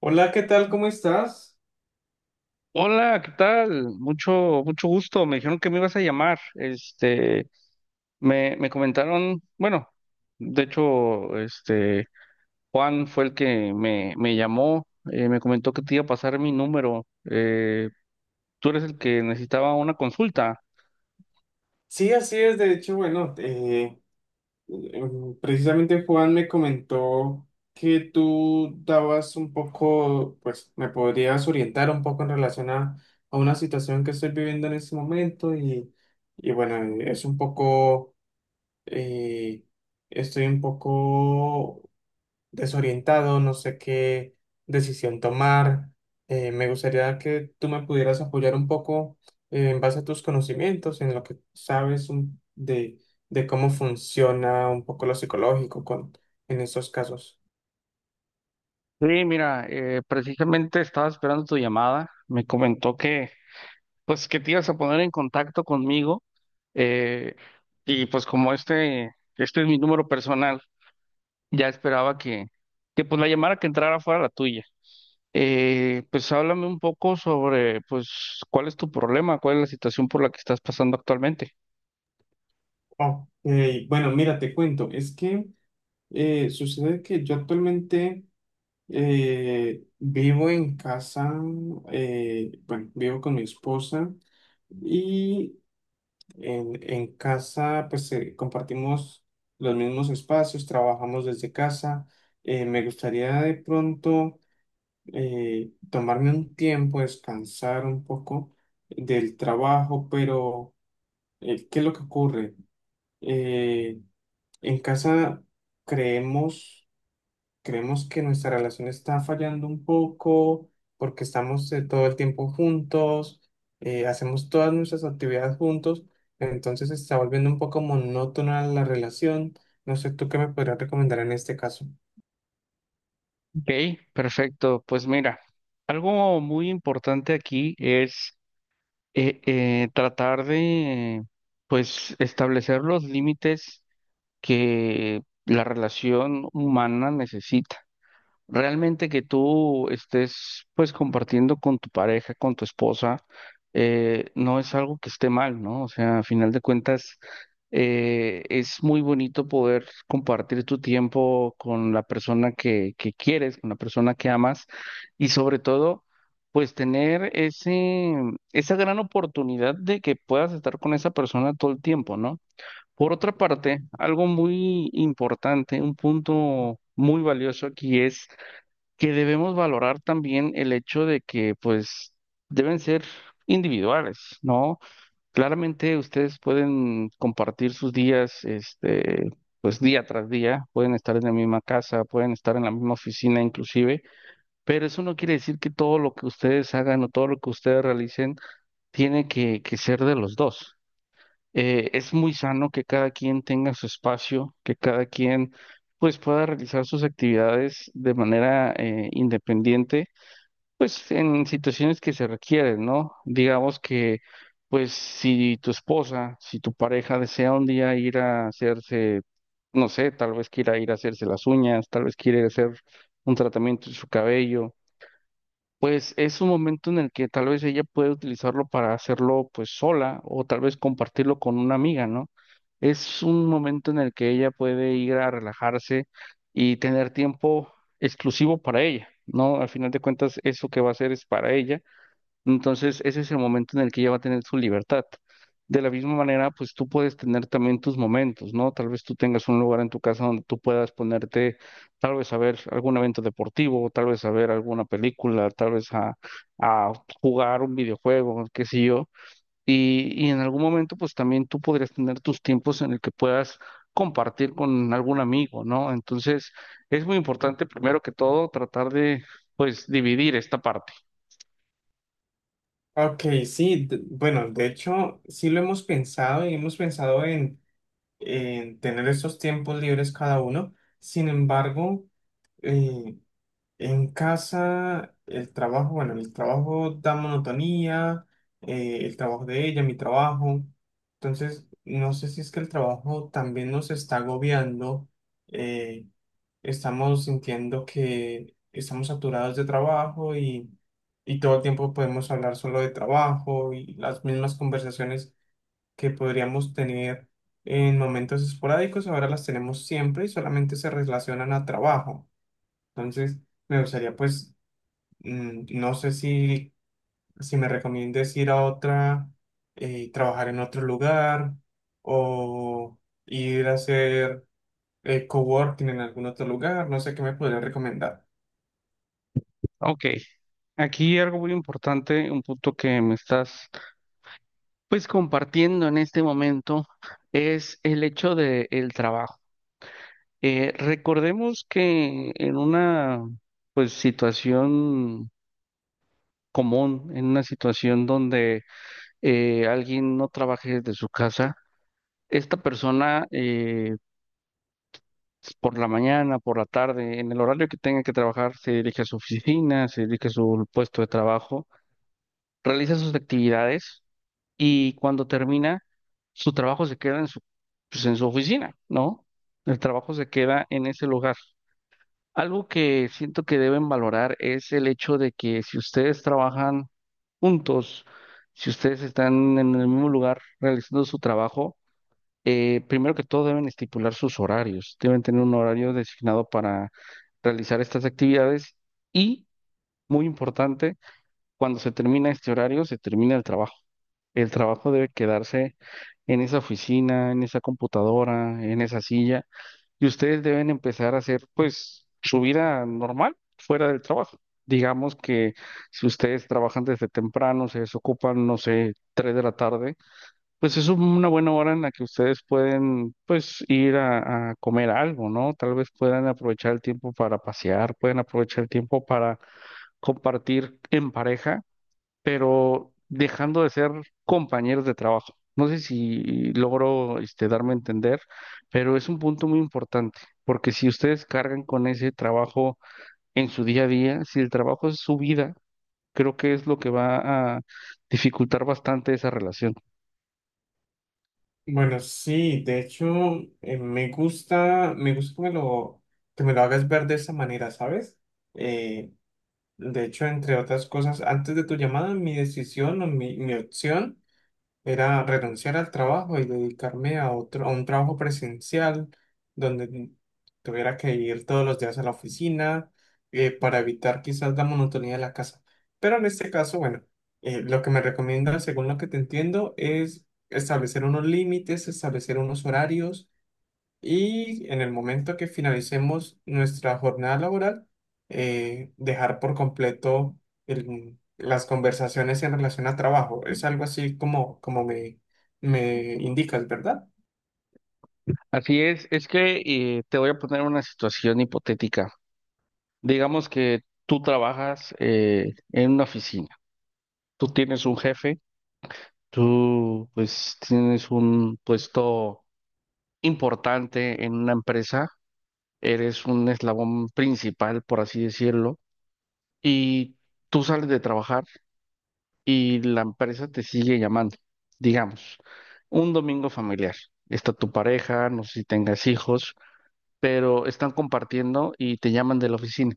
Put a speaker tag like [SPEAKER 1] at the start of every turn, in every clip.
[SPEAKER 1] Hola, ¿qué tal? ¿Cómo estás?
[SPEAKER 2] Hola, ¿qué tal? Mucho, mucho gusto. Me dijeron que me ibas a llamar. Este, me comentaron, bueno, de hecho, este, Juan fue el que me llamó, me comentó que te iba a pasar mi número. Eh, Tú eres el que necesitaba una consulta.
[SPEAKER 1] Sí, así es. De hecho, bueno, precisamente Juan me comentó que tú dabas un poco, pues me podrías orientar un poco en relación a una situación que estoy viviendo en este momento y bueno, es un poco, eh, estoy un poco desorientado, no sé qué decisión tomar. Me gustaría que tú me pudieras apoyar un poco en base a tus conocimientos, en lo que sabes de cómo funciona un poco lo psicológico con, en estos casos.
[SPEAKER 2] Sí, mira, precisamente estaba esperando tu llamada. Me comentó que, pues, que te ibas a poner en contacto conmigo. eh, y pues como este es mi número personal. Ya esperaba que pues la llamara que entrara fuera la tuya. Pues háblame un poco sobre pues cuál es tu problema, cuál es la situación por la que estás pasando actualmente.
[SPEAKER 1] Oh, bueno, mira, te cuento, es que sucede que yo actualmente vivo en casa, bueno, vivo con mi esposa. Y en casa, pues compartimos los mismos espacios, trabajamos desde casa. Me gustaría de pronto tomarme un tiempo, descansar un poco del trabajo, pero ¿qué es lo que ocurre? Eh, en casa creemos creemos que nuestra relación está fallando un poco porque estamos todo el tiempo juntos, hacemos todas nuestras actividades juntos, entonces se está volviendo un poco monótona la relación. No sé, ¿tú qué me podrías recomendar en este caso?
[SPEAKER 2] Ok, perfecto. Pues mira, algo muy importante aquí es tratar de pues establecer los límites que la relación humana necesita. Realmente que tú estés pues compartiendo con tu pareja, con tu esposa, no es algo que esté mal, ¿no? O sea, a final de cuentas, es muy bonito poder compartir tu tiempo con la persona que quieres, con la persona que amas y sobre todo, pues tener esa gran oportunidad de que puedas estar con esa persona todo el tiempo, ¿no? Por otra parte, algo muy importante, un punto muy valioso aquí es que debemos valorar también el hecho de que pues deben ser individuales, ¿no? Claramente ustedes pueden compartir sus días, este, pues día tras día, pueden estar en la misma casa, pueden estar en la misma oficina inclusive, pero eso no quiere decir que todo lo que ustedes hagan o todo lo que ustedes realicen tiene que ser de los dos. Es muy sano que cada quien tenga su espacio, que cada quien pues pueda realizar sus actividades de manera independiente pues en situaciones que se requieren, ¿no? Digamos que, pues si tu esposa, si tu pareja desea un día ir a hacerse, no sé, tal vez quiera ir a hacerse las uñas, tal vez quiere hacer un tratamiento en su cabello, pues es un momento en el que tal vez ella puede utilizarlo para hacerlo pues sola o tal vez compartirlo con una amiga, ¿no? Es un momento en el que ella puede ir a relajarse y tener tiempo exclusivo para ella, ¿no? Al final de cuentas, eso que va a hacer es para ella. Entonces, ese es el momento en el que ella va a tener su libertad. De la misma manera, pues tú puedes tener también tus momentos, ¿no? Tal vez tú tengas un lugar en tu casa donde tú puedas ponerte, tal vez a ver algún evento deportivo, tal vez a ver alguna película, tal vez a jugar un videojuego, qué sé yo. Y en algún momento, pues también tú podrías tener tus tiempos en el que puedas compartir con algún amigo, ¿no? Entonces, es muy importante, primero que todo, tratar de, pues, dividir esta parte.
[SPEAKER 1] Ok, sí, bueno, de hecho, sí lo hemos pensado y hemos pensado en tener esos tiempos libres cada uno. Sin embargo, en casa, el trabajo, bueno, el trabajo da monotonía, el trabajo de ella, mi trabajo. Entonces, no sé si es que el trabajo también nos está agobiando, eh, estamos sintiendo que estamos saturados de trabajo y todo el tiempo podemos hablar solo de trabajo y las mismas conversaciones que podríamos tener en momentos esporádicos, ahora las tenemos siempre y solamente se relacionan a trabajo. Entonces, me gustaría pues no sé si, si me recomiendes ir a otra, trabajar en otro lugar o ir a hacer coworking en algún otro lugar. No sé qué me podrías recomendar.
[SPEAKER 2] Ok, aquí algo muy importante, un punto que me estás pues compartiendo en este momento es el hecho de el trabajo. Recordemos que en una pues situación común, en una situación donde alguien no trabaje desde su casa, esta persona por la mañana, por la tarde, en el horario que tenga que trabajar, se dirige a su oficina, se dirige a su puesto de trabajo, realiza sus actividades y cuando termina, su trabajo se queda en su, pues, en su oficina, ¿no? El trabajo se queda en ese lugar. Algo que siento que deben valorar es el hecho de que si ustedes trabajan juntos, si ustedes están en el mismo lugar realizando su trabajo, primero que todo deben estipular sus horarios, deben tener un horario designado para realizar estas actividades y, muy importante, cuando se termina este horario, se termina el trabajo. El trabajo debe quedarse en esa oficina, en esa computadora, en esa silla, y ustedes deben empezar a hacer, pues, su vida normal fuera del trabajo. Digamos que si ustedes trabajan desde temprano, se desocupan, no sé, 3 de la tarde, pues es una buena hora en la que ustedes pueden, pues, ir a comer algo, ¿no? Tal vez puedan aprovechar el tiempo para pasear, pueden aprovechar el tiempo para compartir en pareja pero dejando de ser compañeros de trabajo. No sé si logro este, darme a entender, pero es un punto muy importante, porque si ustedes cargan con ese trabajo en su día a día, si el trabajo es su vida, creo que es lo que va a dificultar bastante esa relación.
[SPEAKER 1] Bueno, sí, de hecho, me gusta que me lo hagas ver de esa manera, ¿sabes? Eh, de hecho, entre otras cosas, antes de tu llamada, mi decisión o mi opción era renunciar al trabajo y dedicarme a otro, a un trabajo presencial donde tuviera que ir todos los días a la oficina para evitar quizás la monotonía de la casa. Pero en este caso, bueno, lo que me recomienda, según lo que te entiendo, es establecer unos límites, establecer unos horarios y en el momento que finalicemos nuestra jornada laboral, dejar por completo las conversaciones en relación a trabajo. Es algo así como, como me indicas, ¿verdad?
[SPEAKER 2] Así es que te voy a poner una situación hipotética. Digamos que tú trabajas en una oficina, tú tienes un jefe, tú pues tienes un puesto importante en una empresa, eres un eslabón principal, por así decirlo, y tú sales de trabajar y la empresa te sigue llamando. Digamos, un domingo familiar. Está tu pareja, no sé si tengas hijos, pero están compartiendo y te llaman de la oficina.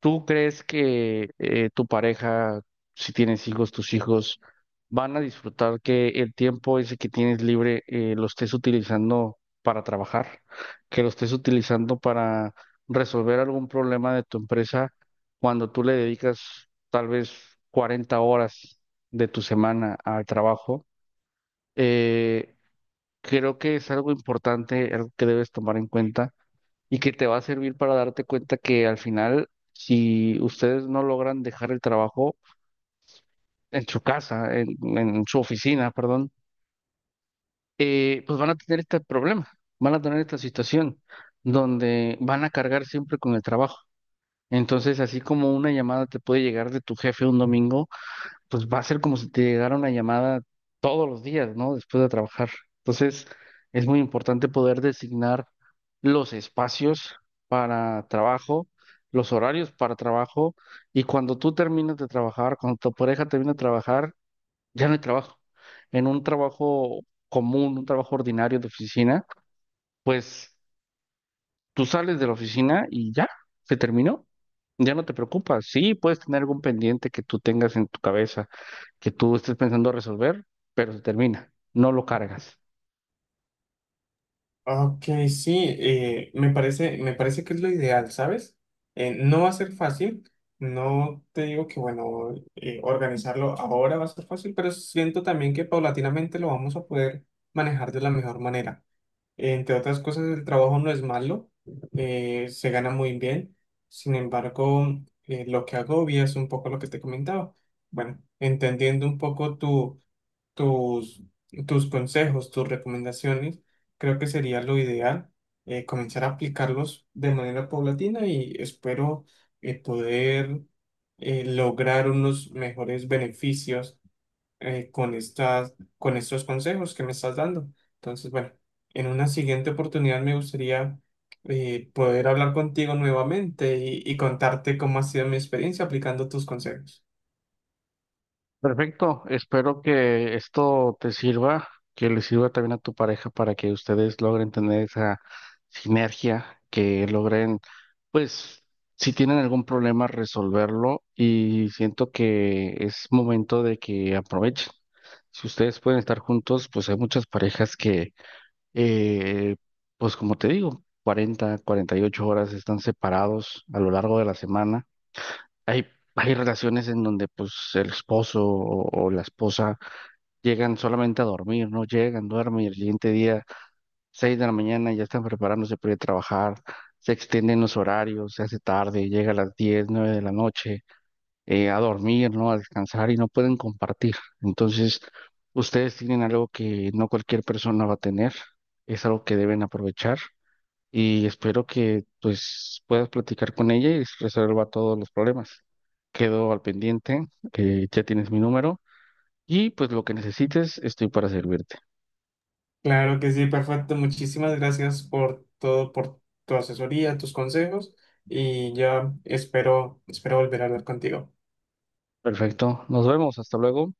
[SPEAKER 2] ¿Tú crees que tu pareja, si tienes hijos, tus hijos van a disfrutar que el tiempo ese que tienes libre lo estés utilizando para trabajar, que lo estés utilizando para resolver algún problema de tu empresa cuando tú le dedicas tal vez 40 horas de tu semana al trabajo? Eh, Creo que es algo importante, algo que debes tomar en cuenta y que te va a servir para darte cuenta que al final, si ustedes no logran dejar el trabajo en su casa, en su oficina, perdón, pues van a tener este problema, van a tener esta situación donde van a cargar siempre con el trabajo. Entonces, así como una llamada te puede llegar de tu jefe un domingo, pues va a ser como si te llegara una llamada todos los días, ¿no? Después de trabajar. Entonces, es muy importante poder designar los espacios para trabajo, los horarios para trabajo, y cuando tú terminas de trabajar, cuando tu pareja termina de trabajar, ya no hay trabajo. En un trabajo común, un trabajo ordinario de oficina, pues tú sales de la oficina y ya, se terminó. Ya no te preocupas. Sí, puedes tener algún pendiente que tú tengas en tu cabeza, que tú estés pensando resolver, pero se termina. No lo cargas.
[SPEAKER 1] Ok, sí, me parece que es lo ideal, ¿sabes? No va a ser fácil, no te digo que, bueno, organizarlo ahora va a ser fácil, pero siento también que paulatinamente lo vamos a poder manejar de la mejor manera. Entre otras cosas, el trabajo no es malo, se gana muy bien. Sin embargo, lo que agobia es un poco lo que te comentaba. Bueno, entendiendo un poco tu, tus, tus consejos, tus recomendaciones, creo que sería lo ideal comenzar a aplicarlos de manera paulatina y espero poder lograr unos mejores beneficios con estas, con estos consejos que me estás dando. Entonces, bueno, en una siguiente oportunidad me gustaría poder hablar contigo nuevamente y contarte cómo ha sido mi experiencia aplicando tus consejos.
[SPEAKER 2] Perfecto, espero que esto te sirva, que le sirva también a tu pareja para que ustedes logren tener esa sinergia, que logren, pues, si tienen algún problema, resolverlo y siento que es momento de que aprovechen. Si ustedes pueden estar juntos, pues hay muchas parejas que, eh, pues como te digo, cuarenta, 48 horas están separados a lo largo de la semana hay, hay relaciones en donde pues el esposo o la esposa llegan solamente a dormir, ¿no? Llegan, duermen y el siguiente día, 6 de la mañana, ya están preparándose para ir a trabajar, se extienden los horarios, se hace tarde, llega a las 10, 9 de la noche, a dormir, ¿no? A descansar y no pueden compartir. Entonces, ustedes tienen algo que no cualquier persona va a tener, es algo que deben aprovechar y espero que pues puedas platicar con ella y resuelva todos los problemas. Quedo al pendiente, ya tienes mi número y pues lo que necesites estoy para servirte.
[SPEAKER 1] Claro que sí, perfecto. Muchísimas gracias por todo, por tu asesoría, tus consejos y ya espero, espero volver a hablar contigo.
[SPEAKER 2] Perfecto, nos vemos, hasta luego.